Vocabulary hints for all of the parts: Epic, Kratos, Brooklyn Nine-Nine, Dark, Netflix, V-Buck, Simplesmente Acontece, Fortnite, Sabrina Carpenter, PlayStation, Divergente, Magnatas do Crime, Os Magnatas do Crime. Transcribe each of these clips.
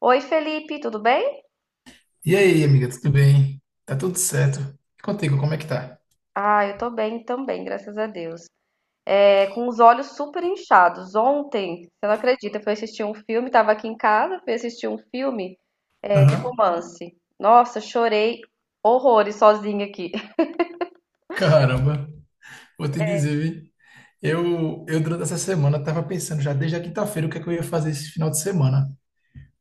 Oi, Felipe, tudo bem? E aí, amiga, tudo bem? Tá tudo certo? E contigo, como é que tá? Ah, eu tô bem também, graças a Deus. É, com os olhos super inchados. Ontem, você não acredita, eu fui assistir um filme, tava aqui em casa, fui assistir um filme, é, de Aham. romance. Nossa, chorei horrores sozinha aqui. Caramba, vou te dizer, vi. Eu durante essa semana tava pensando já desde a quinta-feira o que é que eu ia fazer esse final de semana,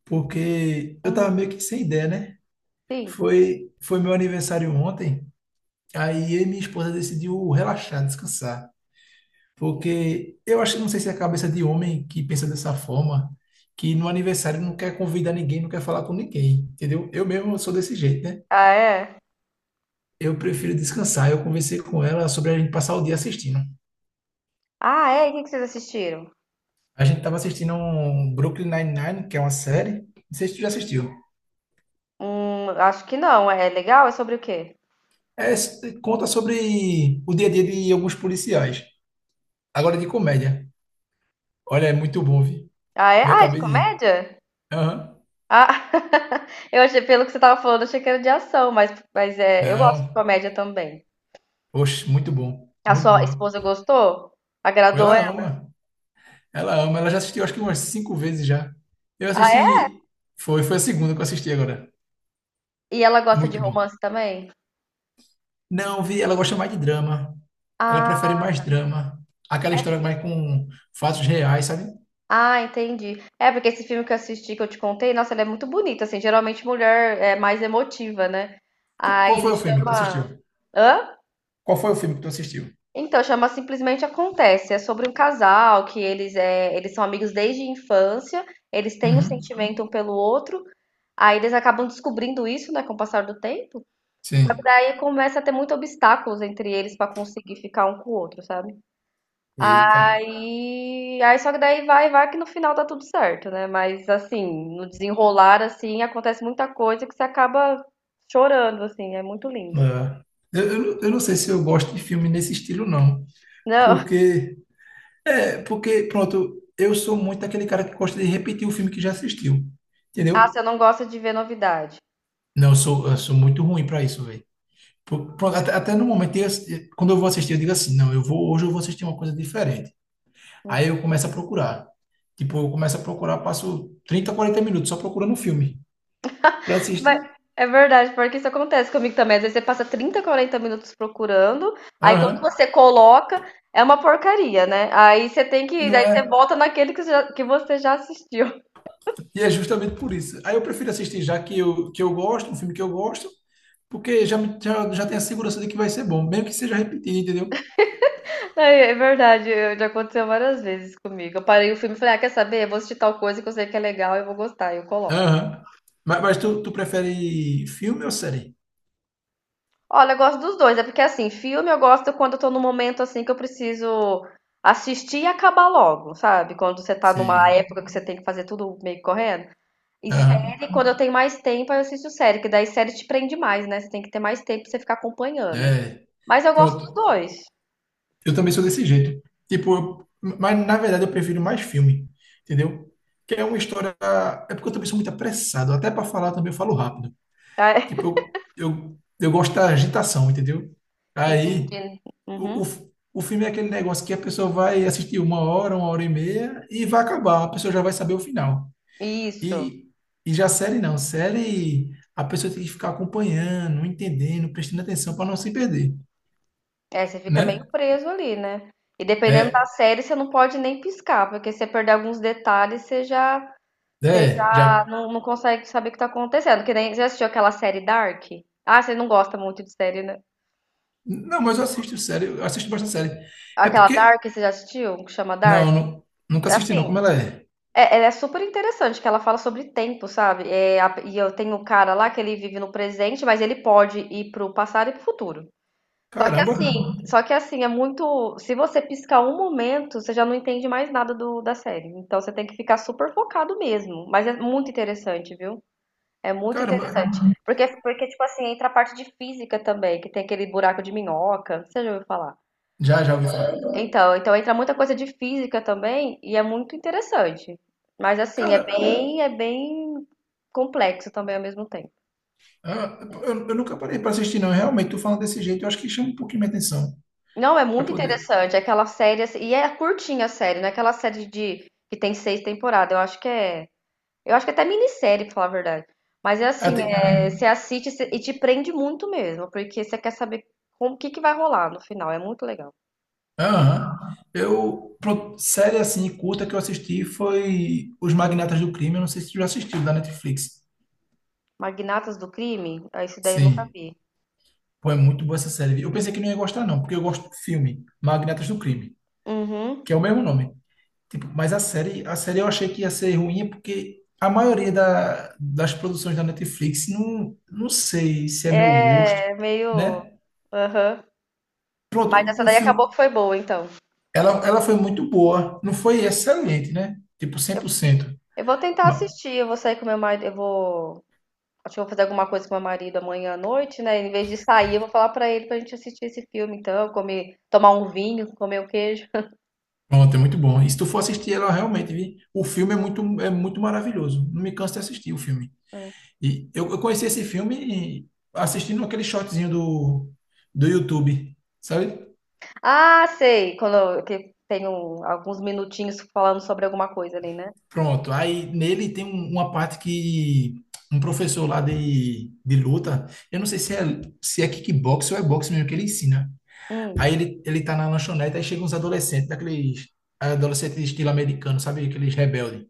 porque eu tava Hum, meio que sem ideia, né? sim. Foi meu aniversário ontem, aí eu e minha esposa decidiu relaxar, descansar, Sim. porque eu acho que não sei se é a cabeça de homem que pensa dessa forma, que no aniversário não quer convidar ninguém, não quer falar com ninguém, entendeu? Eu mesmo sou desse jeito, né? Ah, é? Eu prefiro descansar. Eu conversei com ela sobre a gente passar o dia assistindo. Ah, é? E o que que vocês assistiram? A gente tava assistindo um Brooklyn Nine-Nine, que é uma série. Não sei se tu já assistiu. Acho que não. É legal? É sobre o quê? É, conta sobre o dia a dia de alguns policiais. Agora de comédia. Olha, é muito bom, vi. Ah, é? Me Ah, é de acabei de rir. comédia? Aham. Ah, eu achei, pelo que você tava falando, eu achei que era de ação, mas é, eu gosto de Não. comédia também. Oxe, muito bom. A Muito sua bom. esposa gostou? Agradou Ela ela? ama. Ela ama. Ela já assistiu acho que umas 5 vezes já. Eu Ah, é? assisti. Foi a segunda que eu assisti agora. E ela gosta de Muito bom. romance também? Não, vi, ela gosta mais de drama. Ela prefere Ah, mais drama. Aquela é... história mais com fatos reais, sabe? ah, entendi. É porque esse filme que eu assisti, que eu te contei, nossa, ele é muito bonito, assim, geralmente mulher é mais emotiva, né? Aí Qual ele foi o filme que tu assistiu? chama. Hã? Qual foi o filme que tu assistiu? Então, chama Simplesmente Acontece. É sobre um casal que eles são amigos desde a infância, eles têm um Uhum. sentimento um pelo outro, aí eles acabam descobrindo isso, né, com o passar do tempo. Só que Sim. daí começa a ter muitos obstáculos entre eles pra conseguir ficar um com o outro, sabe? Eita. Aí só que daí vai que no final tá tudo certo, né? Mas assim, no desenrolar assim, acontece muita coisa que você acaba chorando assim, é muito lindo. É. Eu não sei se eu gosto de filme nesse estilo, não. Não, Porque, é, porque, pronto, eu sou muito aquele cara que gosta de repetir o filme que já assistiu. ah, Entendeu? você não gosta de ver novidade. Não, eu sou muito ruim pra isso, velho. Pronto, até no momento, quando eu vou assistir, eu digo assim, não, eu vou, hoje eu vou assistir uma coisa diferente. Hum. Aí eu começo a procurar. Tipo, eu começo a procurar, passo 30, 40 minutos só procurando um filme para Mas assistir. é verdade, porque isso acontece comigo também. Às vezes você passa 30, 40 minutos procurando, aí quando Aham. você coloca, é uma porcaria, né? Aí você tem que, Não aí você é? volta naquele que você já assistiu. E é justamente por isso. Aí eu prefiro assistir já que eu gosto, um filme que eu gosto, porque já tenho a segurança de que vai ser bom, mesmo que seja repetido, entendeu? É, verdade, já aconteceu várias vezes comigo. Eu parei o filme e falei, ah, quer saber? Eu vou assistir tal coisa que eu sei que é legal e eu vou gostar, e eu coloco. Aham. Mas tu prefere filme ou série? Olha, eu gosto dos dois, é porque assim, filme eu gosto quando eu tô num momento assim que eu preciso assistir e acabar logo, sabe? Quando você tá numa Sim. época que você tem que fazer tudo meio que correndo. E Aham. série, quando eu tenho mais tempo, aí eu assisto série, que daí série te prende mais, né? Você tem que ter mais tempo pra você ficar acompanhando. É. Mas eu gosto dos Pronto. dois. Eu também sou desse jeito. Tipo, mas na verdade eu prefiro mais filme, entendeu? Que é uma história. É porque eu também sou muito apressado. Até para falar também eu falo rápido. Tá? Tipo, eu gosto da agitação, entendeu? Aí, Entendi. o, Uhum. o, o filme é aquele negócio que a pessoa vai assistir uma hora e meia e vai acabar. A pessoa já vai saber o final. Isso. E, e já série não. Série, a pessoa tem que ficar acompanhando, entendendo, prestando atenção para não se perder, É, você fica meio né? preso ali, né? E dependendo da É, série, você não pode nem piscar, porque se você perder alguns detalhes, você já, você é, já já não consegue saber o que tá acontecendo. Que nem, já assistiu aquela série Dark? Ah, você não gosta muito de série, né? Não, mas eu assisto série, eu assisto bastante série. É Aquela porque. Dark, você já assistiu? Que chama Dark? Não, nunca assisti, não. Assim, Como ela é? Ela é super interessante, que ela fala sobre tempo, sabe? É, e eu tenho um cara lá que ele vive no presente, mas ele pode ir pro passado e pro futuro. Só que Caramba, assim, só que assim, é muito. Se você piscar um momento, você já não entende mais nada da série. Então você tem que ficar super focado mesmo. Mas é muito interessante, viu? É muito caramba. interessante. Porque, tipo assim, entra a parte de física também, que tem aquele buraco de minhoca. Você já ouviu falar? Já ouvi falar. Então entra muita coisa de física também e é muito interessante. Mas assim, é Cara, bem, é bem complexo também ao mesmo tempo. ah, eu nunca parei para assistir, não. Realmente, tu falando desse jeito, eu acho que chama um pouquinho minha atenção. Não, é Pra muito poder. interessante. É aquela série, assim, e é curtinha a série, não é aquela série de que tem seis temporadas. Eu acho que é. Eu acho que é até minissérie, pra falar a verdade. Mas é Ah, assim, tem- você assiste e te prende muito mesmo, porque você quer saber que vai rolar no final. É muito legal. Aham. Eu. Pronto, série assim, curta que eu assisti foi Os Magnatas do Crime. Eu não sei se tu já assistiu, da Netflix. Magnatas do Crime? Ah, esse daí eu nunca Sim. vi. Pô, é muito boa essa série. Eu pensei que não ia gostar, não, porque eu gosto do filme Magnatas do Crime, Uhum. que é o mesmo nome. Tipo, mas a série eu achei que ia ser ruim porque a maioria das produções da Netflix não, não sei se é meu gosto, É meio. né? Aham. Mas Pronto, essa um daí acabou filme, que foi boa, então. ela foi muito boa, não foi excelente, né? Tipo 100%. Eu vou tentar Ma- assistir, eu vou sair com meu marido. Eu vou Acho que eu vou fazer alguma coisa com meu marido amanhã à noite, né? Em vez de sair, eu vou falar pra ele pra gente assistir esse filme, então, comer, tomar um vinho, comer o queijo. Pronto, é muito bom. E se tu for assistir ela realmente, vi, o filme é muito maravilhoso. Não me canso de assistir o filme. E eu conheci esse filme assistindo aquele shortzinho do do YouTube, sabe? Ah, sei, que tem alguns minutinhos falando sobre alguma coisa ali, né? Pronto, aí nele tem uma parte que um professor lá de luta, eu não sei se é, se é kickbox ou é boxe mesmo que ele ensina. Hum, Aí ele tá na lanchonete, aí chegam uns adolescentes, daqueles adolescentes de estilo americano, sabe? Aqueles rebeldes,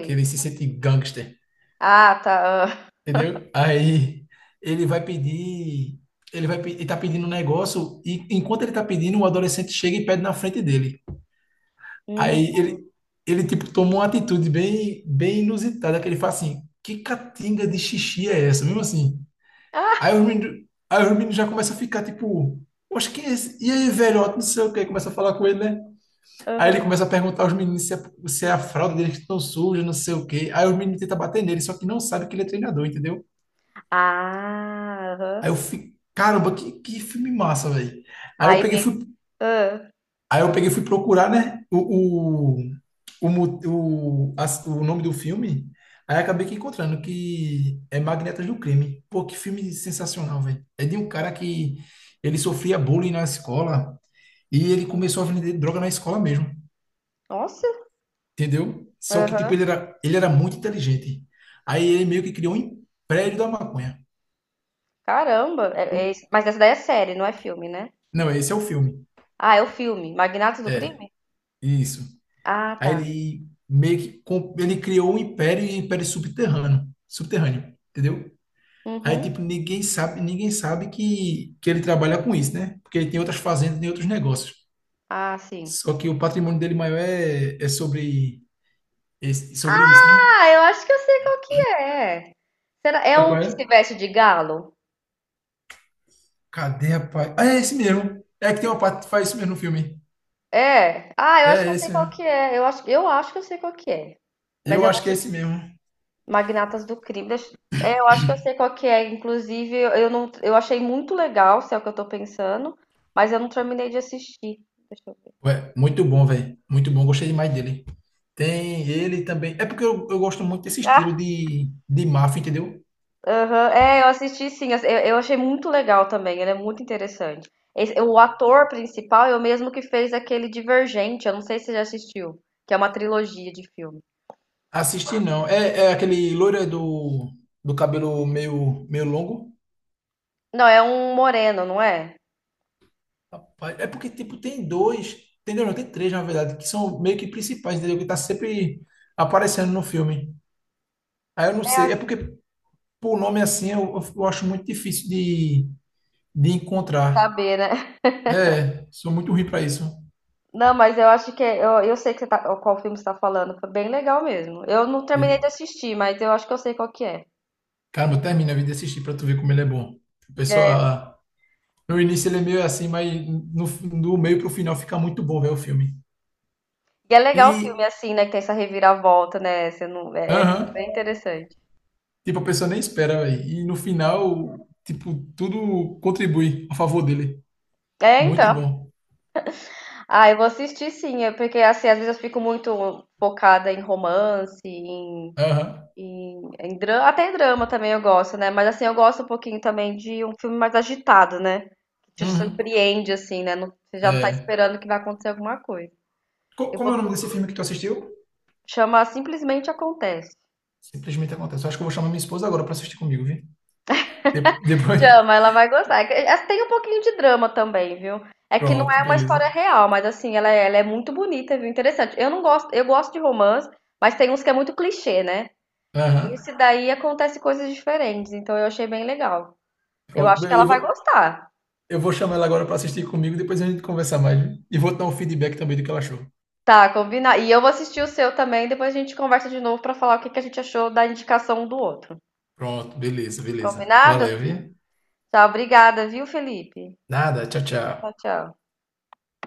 que ele se sente gangster, Ah, tá. Ah. entendeu? Aí ele vai pedir, ele tá pedindo um negócio, e enquanto ele tá pedindo, o adolescente chega e pede na frente dele. Hum, Aí ele tipo, tomou uma atitude bem, bem inusitada, que ele fala assim, que catinga de xixi é essa? Mesmo assim. ah, Aí os meninos já começam a ficar, tipo, poxa, quem é esse? E aí, velhote, não sei o quê, começa a falar com ele, né? Aí ele aham. começa a perguntar aos meninos se é, se é a fralda deles que estão suja, não sei o quê. Aí os meninos tentam bater nele, só que não sabe que ele é treinador, entendeu? Ah, Aí aham. eu fico, caramba, que filme massa, velho. Aí eu Aí peguei, e vem. fui, Ah, aí eu peguei, e fui procurar, né, o, mo- o, as- o nome do filme, aí acabei que encontrando que é Magnetas do Crime. Pô, que filme sensacional, velho. É de um cara que ele sofria bullying na escola e ele começou a vender droga na escola mesmo, nossa, entendeu? Só que, tipo, aham. ele era muito inteligente. Aí ele meio que criou um império da maconha. Caramba. É- é Eu- esse- mas essa daí é série, não é filme, né? Não, esse é o filme. Ah, é o filme. Magnatos do É, Crime? isso. Ah, Aí tá. ele meio que ele criou um império e um império subterrâneo, subterrâneo, entendeu? Aí, Uhum. tipo, ninguém sabe que ele trabalha com isso, né? Porque ele tem outras fazendas, tem outros negócios. Ah, sim. Só que o patrimônio dele maior é, é sobre, sobre isso, né? Ah, eu acho que eu sei qual que é. Será? É Sabe um qual que se é? veste de galo? Cadê, rapaz? Ah, é esse mesmo. É que tem uma parte que faz isso mesmo no filme. É. Ah, eu acho É que eu sei esse qual que mesmo. é. Eu acho que eu sei qual que é. Mas Eu eu não acho que é tenho esse mesmo. Magnatas do Crime. É, eu acho que eu sei qual que é. Inclusive, eu achei muito legal, se é o que eu tô pensando, mas eu não terminei de assistir. Deixa eu ver. Ué, muito bom, velho. Muito bom. Gostei demais dele. Tem ele também. É porque eu gosto muito desse estilo Ah, de máfia, entendeu? aham, é, eu assisti sim, eu achei muito legal também, ele é muito interessante. O ator principal é o mesmo que fez aquele Divergente, eu não sei se você já assistiu, que é uma trilogia de filme. Assistir não. É, é aquele loira do, do cabelo meio, meio longo. Não, é um moreno, não é? Rapaz, é porque, tipo, tem dois, não, tem três, na verdade, que são meio que principais, entendeu? Que tá sempre aparecendo no filme. Aí eu não É, eu sei, é acho que porque por nome assim eu acho muito difícil de encontrar. saber, né? É, sou muito ruim pra isso. Não, mas eu acho que eu sei qual filme você tá falando, foi bem legal mesmo. Eu não E, terminei de assistir, mas eu acho que eu sei qual que é. caramba, termina a vida de assistir pra tu ver como ele é bom. A É, pessoa, no início ele é meio assim, mas no, do meio pro final fica muito bom ver o filme. e é legal o filme E, assim, né, que tem essa reviravolta, né? Você não, é, é aham, bem interessante. tipo, a pessoa nem espera, velho. E no final, tipo, tudo contribui a favor dele. É, Muito então. bom. Ah, eu vou assistir sim, é porque assim, às vezes eu fico muito focada em romance, em, Aham. Drama, até em drama também eu gosto, né? Mas assim, eu gosto um pouquinho também de um filme mais agitado, né? Que te Uhum. surpreende, assim, né? Você já não tá É. esperando que vai acontecer alguma coisa. Eu como vou é o nome desse filme que tu assistiu? chamar Simplesmente Acontece. Simplesmente acontece. Eu acho que eu vou chamar minha esposa agora para assistir comigo, viu? Depois. Chama, ela vai gostar. Tem um pouquinho de drama também, viu? É que não Pronto, é uma beleza. história real, mas assim, ela é muito bonita, viu? Interessante. Eu não gosto, eu gosto de romance, mas tem uns que é muito clichê, né? Aham. Esse daí acontece coisas diferentes, então eu achei bem legal. Eu Pronto, acho que beleza. ela vai gostar. Eu vou chamar ela agora para assistir comigo, depois a gente conversa mais, viu? E vou dar um feedback também do que ela achou. Tá, combinado. E eu vou assistir o seu também, depois a gente conversa de novo pra falar o que que a gente achou da indicação um do outro. Pronto, beleza, beleza. Combinado? Valeu, viu? Tá, obrigada, viu, Felipe? Nada, tchau, Tchau, tchau. tchau.